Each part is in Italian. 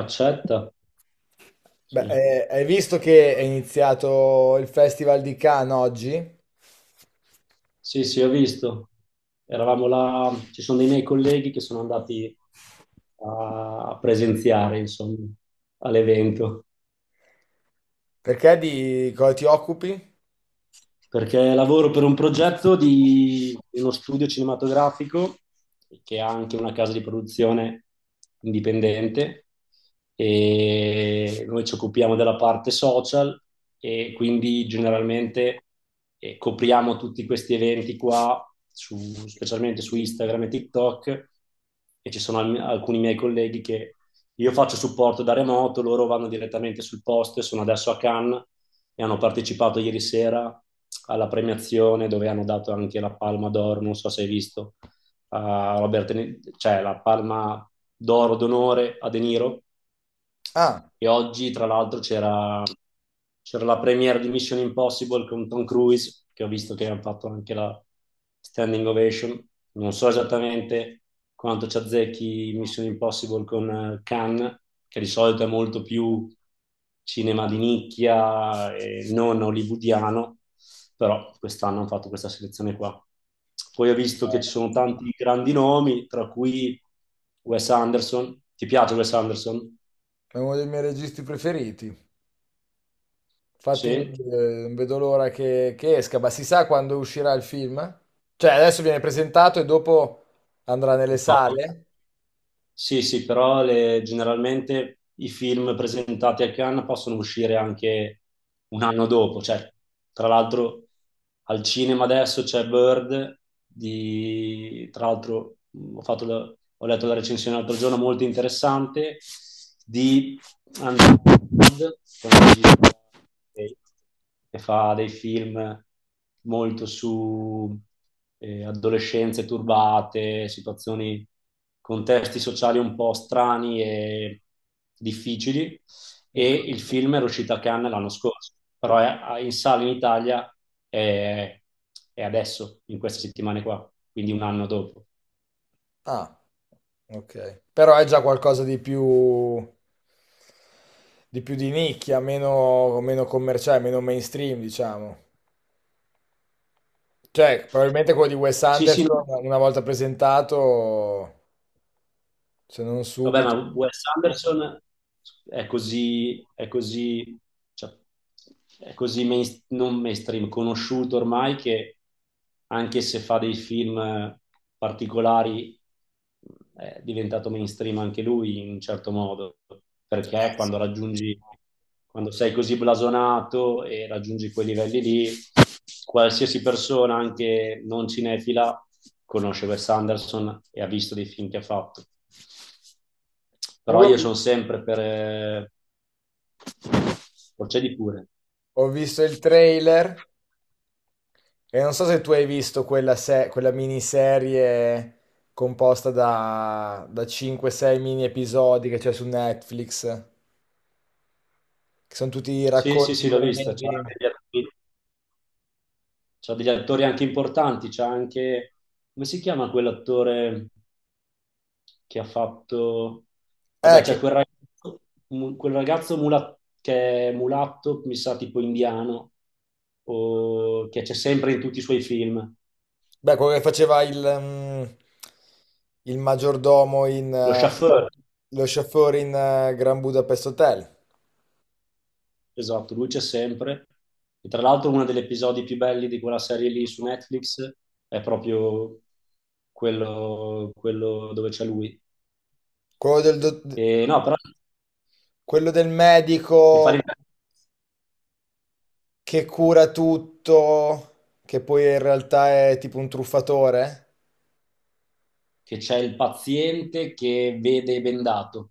Accetta. Beh, Sì. Hai visto che è iniziato il Festival di Cannes oggi? Sì, sì, ho visto. Eravamo là, ci sono dei miei colleghi che sono andati a a presenziare, insomma, all'evento. Perché di cosa ti occupi? Perché lavoro per un progetto di uno studio cinematografico che ha anche una casa di produzione indipendente, e noi ci occupiamo della parte social, e quindi generalmente copriamo tutti questi eventi qua, specialmente su Instagram e TikTok. E ci sono alcuni miei colleghi che, io faccio supporto da remoto, loro vanno direttamente sul posto e sono adesso a Cannes, e hanno partecipato ieri sera alla premiazione dove hanno dato anche la Palma d'Oro, non so se hai visto, a cioè la palma d'oro d'onore a De Niro. Ah, E oggi, tra l'altro, c'era la premiere di Mission Impossible con Tom Cruise, che ho visto che hanno fatto anche la standing ovation. Non so esattamente quanto ci azzecchi Mission Impossible con Cannes, che di solito è molto più cinema di nicchia e non hollywoodiano, però quest'anno hanno fatto questa selezione qua. Poi ho visto che ci sono tanti grandi nomi, tra cui Wes Anderson. Ti piace Wes Anderson? è uno dei miei registi preferiti. Infatti, Sì? non vedo l'ora che, esca, ma si sa quando uscirà il film? Cioè, adesso viene presentato e dopo andrà nelle No. sale? Sì, sì, però generalmente i film presentati a Cannes possono uscire anche un anno dopo. Cioè, tra l'altro, al cinema adesso c'è Bird, tra l'altro ho letto la recensione l'altro giorno, molto interessante, di Underwood, che è un regista che fa dei film molto su adolescenze turbate, situazioni, contesti sociali un po' strani e difficili. E Ok. il film era uscito a Cannes l'anno scorso, però è in sala in Italia, è, è adesso, in queste settimane qua, quindi un anno dopo. Ah, ok. Però è già qualcosa di più di nicchia, meno, commerciale, meno mainstream, diciamo. Cioè, probabilmente quello di Wes Sì, sì, no, Anderson, una volta presentato, se non vabbè, subito. ma Wes Anderson è così, cioè, è così non mainstream, conosciuto ormai, che anche se fa dei film particolari, è diventato mainstream anche lui in un certo modo, Ah, perché sì. quando raggiungi, quando sei così blasonato e raggiungi quei livelli lì, qualsiasi persona, anche non cinefila, conosce Wes Anderson e ha visto dei film che ha fatto. Però io Comunque sono sempre per... Procedi pure. ho visto il trailer e non so se tu hai visto quella, quella miniserie composta da 5-6 mini episodi che c'è su Netflix, che sono tutti Sì, sì, racconti sì, l'ho vista. Brevi. C'ha degli attori anche importanti, c'ha anche... Come si chiama quell'attore? Che ha fatto... Vabbè, c'è Che, quel ragazzo, che è mulatto, mi sa tipo indiano, che c'è sempre in tutti i suoi film. beh, quello che faceva il, il maggiordomo in, Lo chauffeur, lo chauffeur in Grand Budapest Hotel. esatto, lui c'è sempre. E tra l'altro uno degli episodi più belli di quella serie lì su Netflix è proprio quello, quello dove c'è lui. Quello del, E no, però quello del che fa medico ridere, che cura tutto, che poi in realtà è tipo un truffatore? che c'è il paziente che vede bendato.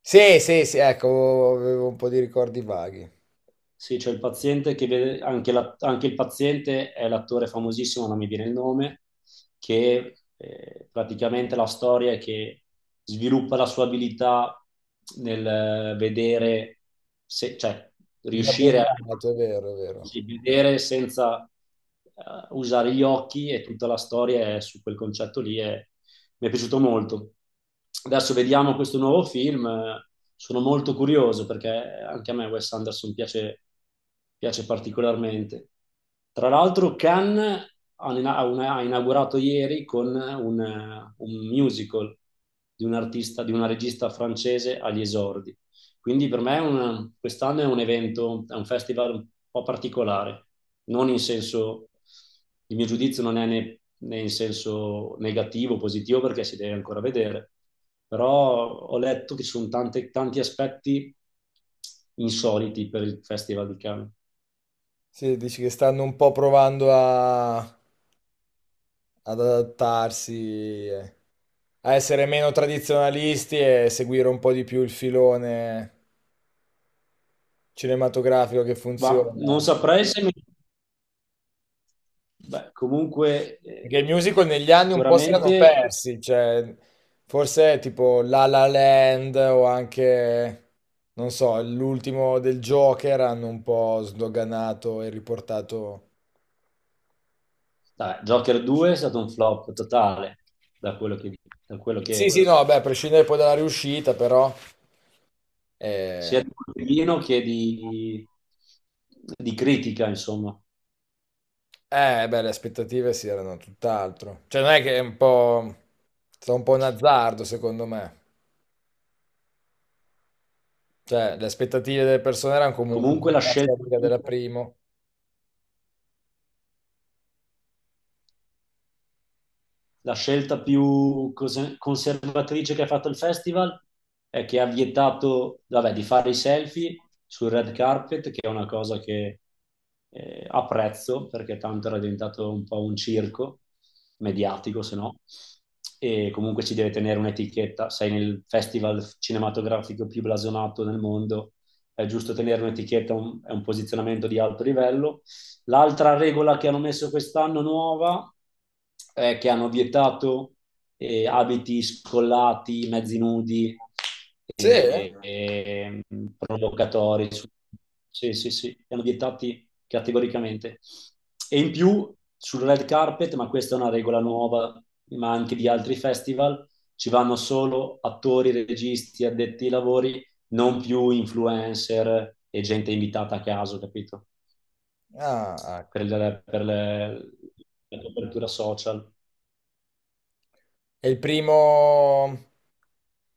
Sì, sì, sì, ecco, avevo un po' di ricordi vaghi. Sì, c'è il paziente che vede, anche, anche il paziente è l'attore famosissimo, non mi viene il nome, che praticamente la storia è che sviluppa la sua abilità nel vedere, cioè Da ben riuscire a... dato, è vero, è vero. Sì, vedere senza usare gli occhi, e tutta la storia è su quel concetto lì, e mi è piaciuto molto. Adesso vediamo questo nuovo film, sono molto curioso perché anche a me Wes Anderson piace, piace particolarmente. Tra l'altro Cannes ha inaugurato ieri con un musical di un artista, di una regista francese agli esordi. Quindi per me è quest'anno è un evento, è un festival un po' particolare, non in senso, il mio giudizio non è né in senso negativo, positivo, perché si deve ancora vedere, però ho letto che ci sono tanti aspetti insoliti per il Festival di Cannes. Sì, dici che stanno un po' provando a, ad adattarsi, a essere meno tradizionalisti e seguire un po' di più il filone cinematografico che Ma funziona. non saprei se... Beh, comunque, Perché i musical negli anni un po' si erano sicuramente, persi, cioè forse tipo La La Land o anche, non so, l'ultimo del Joker hanno un po' sdoganato e riportato... dai, Joker 2 è stato un flop totale, da quello che, da quello Sì, che sì, no, beh, a prescindere poi dalla riuscita, però... Eh, sia di Colpellino che di critica, insomma. Beh, le aspettative si erano tutt'altro. Cioè non è che è un po'... è stato un po' un azzardo, secondo me. Cioè, le aspettative delle persone erano comunque Comunque sulla la falsa scelta riga più della prima. La scelta più conservatrice che ha fatto il festival è che ha vietato, vabbè, di fare i selfie sul red carpet, che è una cosa che apprezzo perché tanto era diventato un po' un circo mediatico, se no. E comunque ci deve tenere un'etichetta. Sei nel festival cinematografico più blasonato nel mondo, è giusto tenere un'etichetta, è un posizionamento di alto livello. L'altra regola che hanno messo quest'anno, nuova, è che hanno vietato abiti scollati, mezzi nudi, Sì? eh, eh, provocatori. Sì, sì, sì, li hanno vietati categoricamente. E in più sul red carpet, ma questa è una regola nuova, ma anche di altri festival, ci vanno solo attori, registi, addetti ai lavori, non più influencer e gente invitata a caso, capito? Ah, Per, ecco. il- per le- La copertura social. È il primo,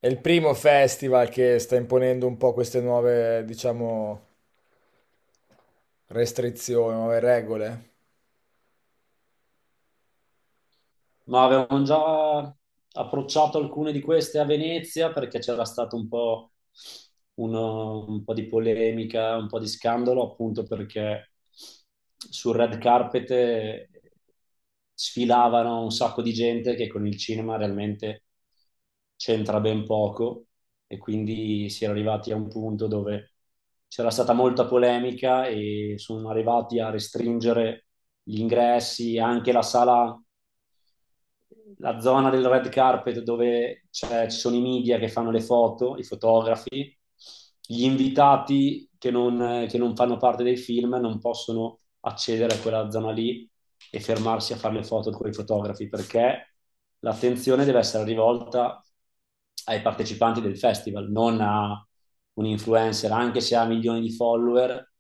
è il primo festival che sta imponendo un po' queste nuove, diciamo, restrizioni, nuove regole. Ma avevamo già approcciato alcune di queste a Venezia perché c'era stato un po', un po' di polemica, un po' di scandalo, appunto perché sul red carpet sfilavano un sacco di gente che con il cinema realmente c'entra ben poco, e quindi si era arrivati a un punto dove c'era stata molta polemica e sono arrivati a restringere gli ingressi, anche la sala, la zona del red carpet dove ci sono i media che fanno le foto, i fotografi. Gli invitati che non fanno parte dei film non possono accedere a quella zona lì e fermarsi a fare le foto con i fotografi, perché l'attenzione deve essere rivolta ai partecipanti del festival, non a un influencer, anche se ha milioni di follower,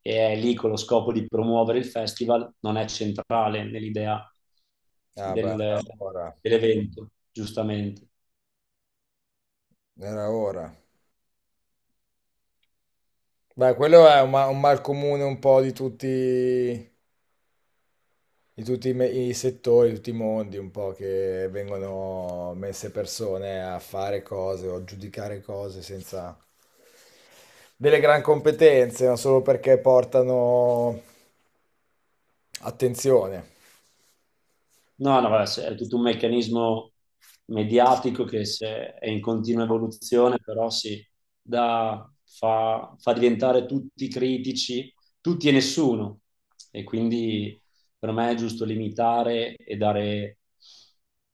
e è lì con lo scopo di promuovere il festival, non è centrale nell'idea Ah, beh, era del- ora. dell'evento, giustamente. Era ora. Beh, quello è un, un mal comune un po' di tutti i settori, di tutti i mondi, un po' che vengono messe persone a fare cose o a giudicare cose senza delle gran competenze, ma solo perché portano attenzione. No, no, vabbè, è tutto un meccanismo mediatico che se è in continua evoluzione, però sì, fa diventare tutti critici, tutti e nessuno. E quindi per me è giusto limitare e dare,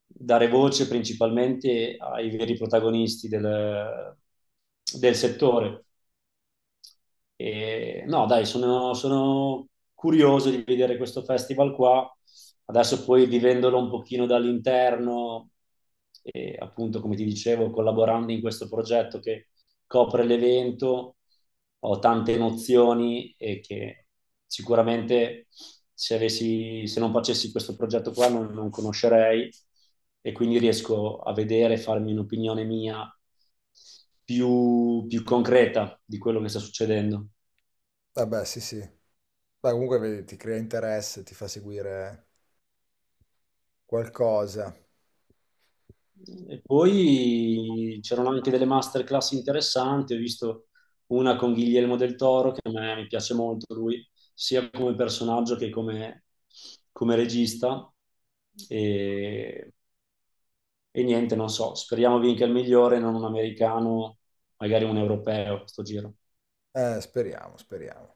dare voce principalmente ai veri protagonisti del settore. E, no, dai, sono curioso di vedere questo festival qua. Adesso poi vivendolo un pochino dall'interno, e appunto, come ti dicevo, collaborando in questo progetto che copre l'evento, ho tante nozioni, e che sicuramente se non facessi questo progetto qua non conoscerei, e quindi riesco a vedere, e farmi un'opinione mia più concreta di quello che sta succedendo. Vabbè, sì, sì. Beh, comunque vedi, ti crea interesse, ti fa seguire qualcosa. E poi c'erano anche delle masterclass interessanti, ho visto una con Guillermo del Toro, che a me mi piace molto lui, sia come personaggio che come, come regista. E, e niente, non so, speriamo vinca il migliore, non un americano, magari un europeo, sto giro. Speriamo, speriamo.